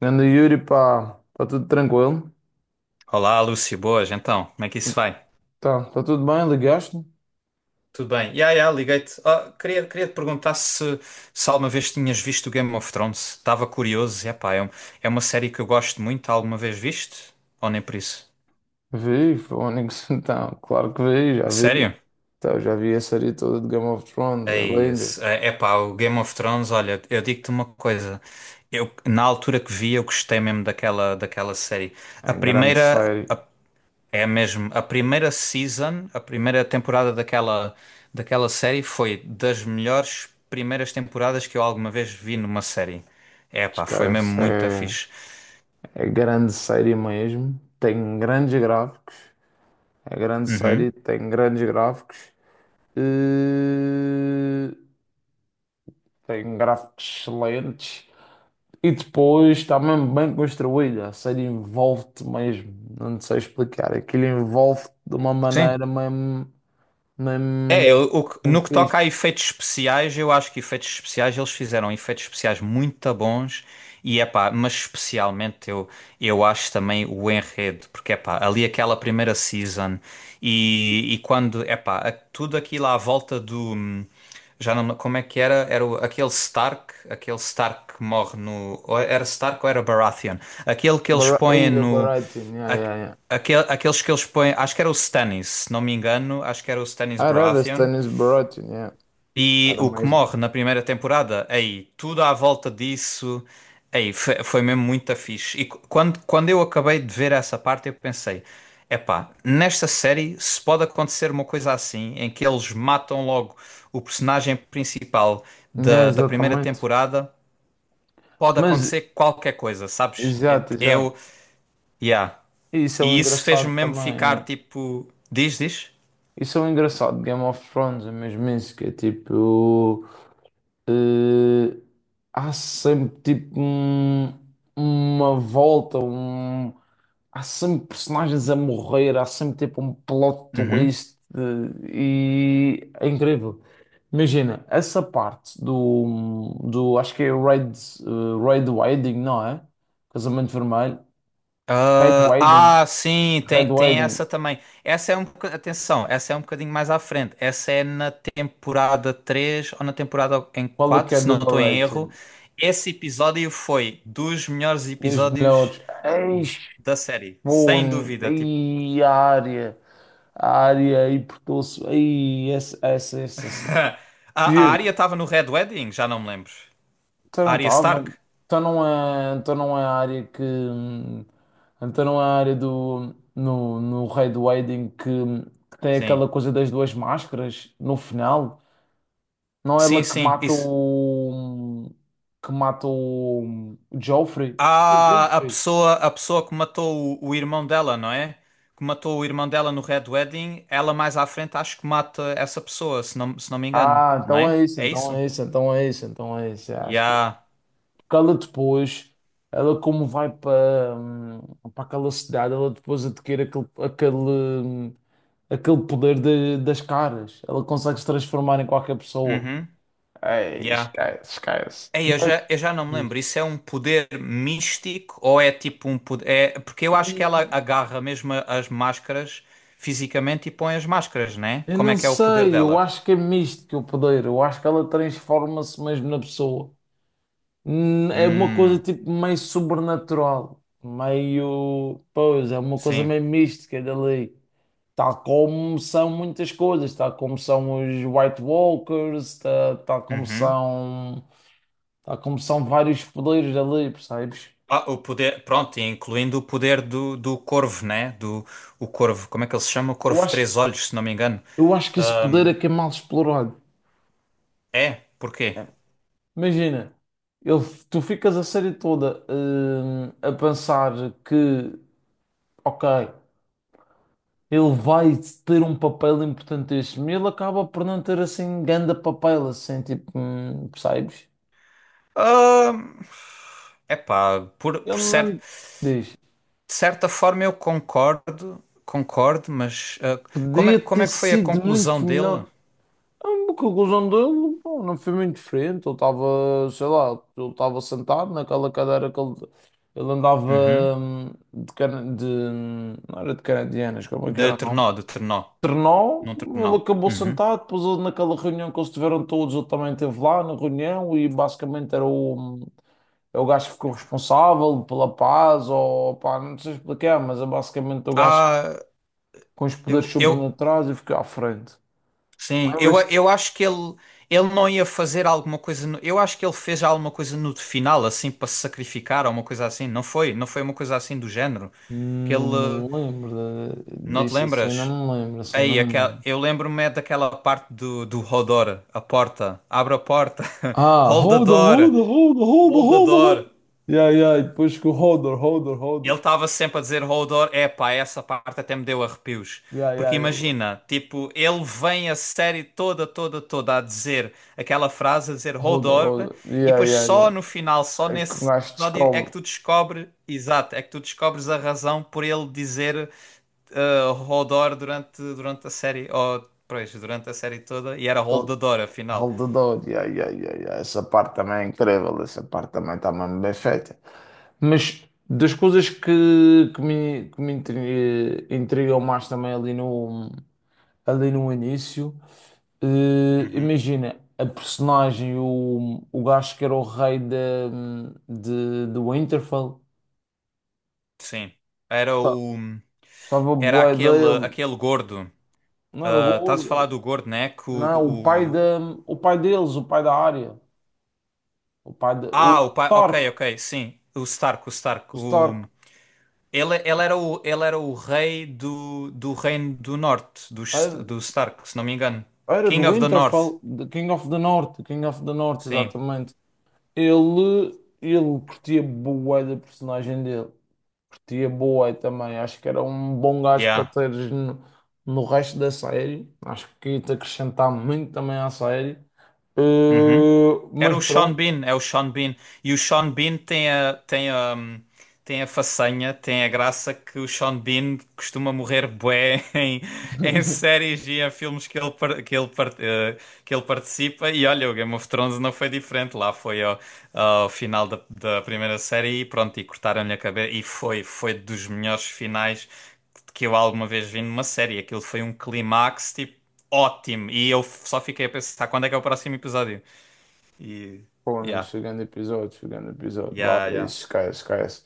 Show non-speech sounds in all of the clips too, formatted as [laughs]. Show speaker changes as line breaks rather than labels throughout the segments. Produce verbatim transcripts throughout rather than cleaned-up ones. Grande Yuri, pá, está tudo tranquilo?
Olá, Lúcio, boas, então, como é que isso vai?
Tá, tá, tudo bem? Ligaste-me?
Tudo bem? Ya, ya, liguei-te. Ah, queria, queria te perguntar se, se alguma vez tinhas visto o Game of Thrones. Estava curioso, epá, é, um- é uma série que eu gosto muito. Alguma vez viste? Ou nem por isso?
Vi, Fónix, [laughs] então, claro que vi, já
A
vi.
sério?
Então, já vi a série toda de Game of Thrones,
É
é linda.
isso. É, epá, o Game of Thrones, olha, eu digo-te uma coisa. Eu, na altura que vi, eu gostei mesmo daquela, daquela série.
É
A
grande
primeira.
série,
É mesmo, a primeira season, a primeira temporada daquela, daquela série foi das melhores primeiras temporadas que eu alguma vez vi numa série. É pá, foi mesmo
esquece,
muito
é,
fixe.
é grande série mesmo. Tem grandes gráficos, é grande série,
Uhum.
tem grandes gráficos. E... Tem gráficos excelentes. E depois está mesmo bem construída. A série envolve-te mesmo. Não te sei explicar. Aquilo envolve-te de uma
Sim.
maneira mesmo,
É,
mesmo,
eu- o que-
mesmo
no que toca
fixe.
a efeitos especiais, eu acho que efeitos especiais eles fizeram efeitos especiais muito bons e é pá, mas especialmente eu, eu acho também o enredo, porque epá, ali aquela primeira season e, e quando epá, a- tudo aquilo à volta do hum, já não como é que era? Era o- aquele Stark, aquele Stark que morre no ou era Stark ou era Baratheon? Aquele que eles
Bar
põem
Ei, o
no
Baratheon, yeah,
aque-
yeah, yeah.
aquele, aqueles que eles põem, acho que era o Stannis, se não me engano, acho que era o Stannis
Ah, era, era
Baratheon.
Stannis Baratheon, yeah.
E
Era
o que
mais.
morre na primeira temporada, aí, tudo à volta disso, aí, foi, foi mesmo muito fixe. E qu- quando, quando eu acabei de ver essa parte, eu pensei, epá, nesta série se pode acontecer uma coisa assim, em que eles matam logo o personagem principal
Yeah,
da, da primeira
exatamente.
temporada, pode
Mas
acontecer qualquer coisa, sabes?
exato, exato.
Eu, yeah.
E isso é o
E isso fez-me
engraçado
mesmo
também,
ficar
é.
tipo, diz, diz?
Isso é o engraçado de Game of Thrones, é mesmo isso, que é tipo. eh, Há sempre tipo um- uma volta, um, há sempre personagens a morrer, há sempre tipo um plot
Uhum.
twist eh, e é incrível. Imagina, essa parte do, do acho que é Red, eh, Red Wedding, não é? Casamento Vermelho. Red Wedding,
Ah, ah, sim,
Red
tem, tem essa
Wedding.
também. Essa é um bocadinho, atenção, essa é um bocadinho mais à frente. Essa é na temporada três ou na temporada em
Qual é que
quatro,
é a
se não
double
estou em erro.
rating?
Esse episódio foi dos melhores
Dos
episódios
melhores. Eis,
da série, sem
bom,
dúvida. Tipo,
e a área. A área e portou-se. Aí, essa, essa, essa, essa.
[laughs] a,
Quer
a Arya
dizer,
estava no Red Wedding, já não me lembro.
então
A
não
Arya
estava.
Stark?
Então não é, então não é a área que. hum, Então não é a área do. No, no Red Wedding que, que tem
Sim.
aquela coisa das duas máscaras no final. Não é
Sim,
ela que
sim,
mata
isso.
o. Que mata o. O Joffrey. Acho que é
Ah, a
Joffrey.
pessoa, a pessoa que matou o, o irmão dela, não é? Que matou o irmão dela no Red Wedding, ela mais à frente acho que mata essa pessoa, se não, se não me engano,
Ah,
não
então
é?
é isso,
É
então
isso?
é isso, então é isso, então é isso. Acho que
Yeah.
que ela depois, ela como vai para, hum, para aquela cidade, ela depois adquire aquele, aquele, hum, aquele poder de- das caras. Ela consegue se transformar em qualquer pessoa.
Uhum.
Ei,
Yeah.
esquece, esquece.
Ei, eu
Mas,
já, eu já não me lembro. Isso é um poder místico ou é tipo um poder. É, porque eu acho que ela
hum,
agarra mesmo a- as máscaras fisicamente e põe as máscaras, não é?
eu
Como é
não
que é o poder
sei, eu
dela?
acho que é místico o poder. Eu acho que ela transforma-se mesmo na pessoa. Hum. É uma coisa
Hum,
tipo meio sobrenatural, meio. Pois, é uma coisa
sim.
meio mística dali. Tal como são muitas coisas, tal como são os White Walkers, ta- tal, como
Uhum.
são, tal como são vários poderes ali, percebes?
Ah, o poder, pronto, e incluindo o poder do, do corvo, né? Do, o corvo, como é que ele se chama? O
Eu
corvo de
acho,
três olhos, se não me engano.
eu acho que esse poder
Ahm,
é que é mal explorado.
é, porquê?
Imagina, ele, tu ficas a série toda, hum, a pensar que, ok, ele vai ter um papel importantíssimo e ele acaba por não ter assim grande papel, assim, tipo, hum, percebes?
É epá, por,
Ele
por cer-
não diz.
de certa forma eu concordo, concordo, mas ah, como
Podia
é, como
ter
é que foi a
sido
conclusão
muito
dele?
melhor. A conclusão dele, pô, não foi muito diferente. Ele estava, sei lá, ele estava sentado naquela cadeira que ele, ele andava
Uhum.
hum, de, cana- de. Não era de canadianas, como é que
De
era o nome?
Trenó, de Trenó,
Trenó,
num
ele
Trenó.
acabou
Uhum.
sentado. Depois, ele, naquela reunião que eles tiveram todos, ele também esteve lá na reunião e basicamente era o, hum, é o gajo que ficou responsável pela paz, ou pá, não sei explicar, mas é basicamente o gajo
Ah,
com os poderes
eu, eu,
sobrenaturais e ficou à frente.
Sim, eu,
Lembras-te.
eu acho que ele, ele não ia fazer alguma coisa. no- eu acho que ele fez alguma coisa no final, assim, para se sacrificar ou uma coisa assim. Não foi? Não foi uma coisa assim do género? Que
Hum, Não
ele.
me lembro de-
Não te
disso assim,
lembras?
não me lembro, assim, não
Aí,
me
aquela,
lembro.
eu lembro-me é daquela parte do, do Hodor, a porta. Abre a porta. [laughs]
Ah,
Hold the
holder,
door.
holder, holder, holder,
Hold the
holder, holder.
door.
Yeah, yeah, depois que o holder, holder, holder.
Ele estava sempre a dizer Hodor, epá, essa parte até me deu arrepios.
Yeah, yeah,
Porque
ele.
imagina, tipo, ele vem a série toda, toda, toda a dizer aquela frase, a dizer
Holder,
Hodor,
holder.
e
Yeah,
depois
yeah,
só
yeah.
no final, só
É que o
nesse
gajo
episódio é
descobre
que tu descobres, exato, é que tu descobres a razão por ele dizer eh, Hodor durante, durante a série, ou, pois, durante a série toda, e era
que ele-
Holdador, afinal.
holdedor. Yeah, yeah, yeah, yeah. Essa parte também é incrível, essa parte também está mesmo bem feita. Mas das coisas que, que me, que me intri- eh, intrigam mais também ali no um ali no início. Eh,
Uhum,
imagina, a personagem, o, o gajo que era o rei de, de, de Winterfell,
sim. Era
pá,
o.
gostava
Era
bué
aquele,
dele,
aquele gordo.
não era o
Ah, estás a
gordo,
falar do gordo, né? Que o,
não, o pai, de,
o-
o pai deles, o pai da área, o pai de,
Ah,
o
o pai. Ok,
Stark,
ok, sim. O Stark, o
o
Stark. O...
Stark,
Ele, ele, era o, ele era o rei do, do Reino do Norte, do,
era,
do Stark, se não me engano.
era do
King of the North.
Winterfell, de King of the North, King of the North,
Sim.
exatamente. Ele, ele curtia bué da personagem dele. Curtia Boé também, acho que era um bom gajo para
Yeah.
teres no, no resto da série. Acho que ia-te acrescentar muito também à série.
Uhum.
Eh,
Era
mas
o Sean
pronto,
Bean, é o Sean Bean. E o Sean Bean tem a, tem a, tem a façanha, tem a graça que o Sean Bean costuma morrer bué [laughs] em, em
[laughs]
séries e em filmes que ele, par- que ele, par- eh, que ele participa. E olha, o Game of Thrones não foi diferente. Lá foi ao, ao final da, da primeira série e pronto, e cortaram-lhe a cabeça. E foi, foi dos melhores finais que eu alguma vez vi numa série. Aquilo foi um clímax, tipo, ótimo. E eu só fiquei a pensar, quando é que é o próximo episódio? E.
pô, amigo,
Yeah.
chegando episódio, chegando episódio lá,
Yeah, yeah.
isso, esquece, esquece.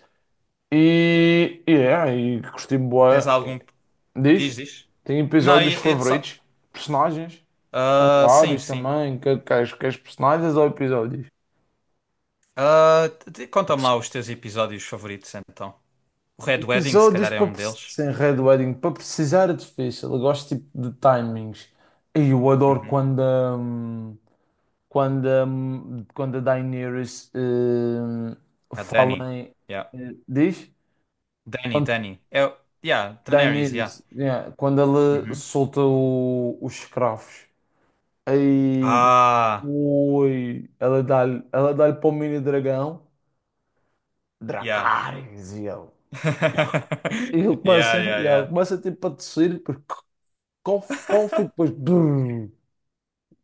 E, e é, e curti
Tens
Boé.
algum.
Diz?
Diz, diz.
Tem
Não,
episódios
e- e só.
favoritos, personagens, tem
Ah, sim,
vários
sim.
também. Que, que, que, personagens ou episódios?
Ah, t- conta-me lá os teus episódios favoritos então. O Red Wedding, se
Episódios
calhar, é
para,
um
preci-
deles.
sem Red Wedding, para precisar é difícil. Eu gosto tipo de timings. E eu adoro
Uhum.
quando, a hum, quando, a hum, quando a Daenerys hum,
A Dani.
fala em.
Yeah.
Eh, diz?
Dani,
Quando
Dani. É, o- yeah, Daenerys, yeah.
Daenerys, yeah, quando ela
Uhum.
solta o- os escravos. Aí.
Ah,
Ui, ela dá-lhe ela dá-lhe para o mini dragão.
yeah.
Dracarys, e ele. E ele
[laughs] Yeah,
começa,
yeah,
e ela
yeah.
começa tipo a tossir. Qual, f- qual foi depois? Brrr.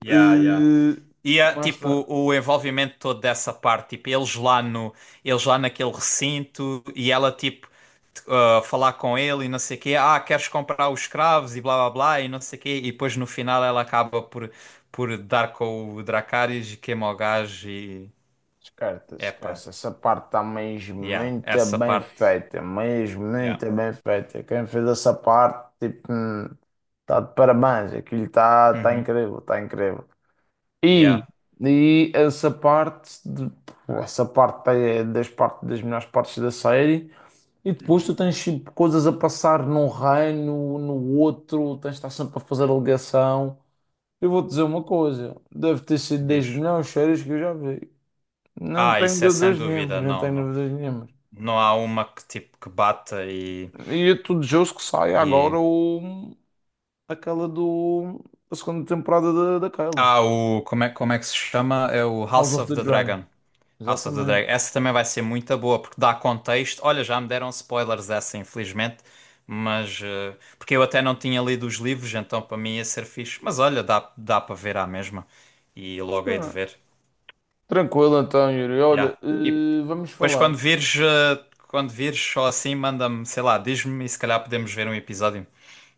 Yeah, yeah.
Eh,
E ah, tipo
Começa.
o envolvimento todo dessa parte, tipo eles lá no, eles lá naquele recinto e ela tipo t- ah, falar com ele e não sei o quê, ah, queres comprar os escravos e blá blá blá e não sei o quê, e depois no final ela acaba por por dar com o Dracarys e queima o gajo e
Descarta,
epá,
esquece. Essa parte está mesmo
yeah,
muito
essa
bem
parte.
feita. Mesmo
Yeah.
muito bem feita. Quem fez essa parte, tipo, está de parabéns. Aquilo está tá tá
Uhum.
incrível, está incrível. E,
Yeah.
e essa parte, de- essa parte tá, é das, parte, das melhores partes da série. E depois tu
Uhum.
tens tipo, coisas a passar num reino, no outro, tens de estar sempre a fazer a ligação. Eu vou te dizer uma coisa, deve ter sido
Diz.
das melhores séries que eu já vi. Não
Ah,
tenho
isso é sem
dúvidas nenhumas,
dúvida,
não
não,
tenho
não.
dúvidas nenhumas.
Não há uma que tipo que bata e
E eu tudo justo que saia agora
e
o, aquela do, a segunda temporada da, daquela,
Ah, o, como é, como é que se chama? É o
House
House
of
of
the
the
Dragon.
Dragon. House of the Dragon.
Exatamente.
Essa também vai ser muito boa, porque dá contexto. Olha, já me deram spoilers dessa, infelizmente, mas eh, porque eu até não tinha lido os livros, então para mim ia ser fixe. Mas olha, dá, dá para ver à mesma. E logo hei de
Sim.
ver.
Tranquilo então, Yuri. Olha,
Yeah. E
eh, vamos
depois
falar,
quando vires, eh, quando vires só assim, manda-me, sei lá, diz-me e se calhar podemos ver um episódio.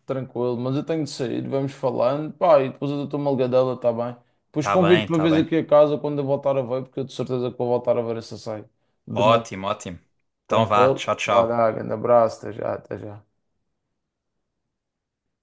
tranquilo, mas eu tenho de sair, vamos falando. Pá, e depois eu dou-te uma ligadela, tá bem? Depois
Tá bem,
convido-te uma
tá
vez
bem.
aqui a casa quando eu voltar a ver, porque eu de certeza que vou voltar a ver essa série de novo.
Ótimo, ótimo. Então vá,
Tranquilo?
tchau,
Vai
tchau.
lá, grande abraço, até já, até já.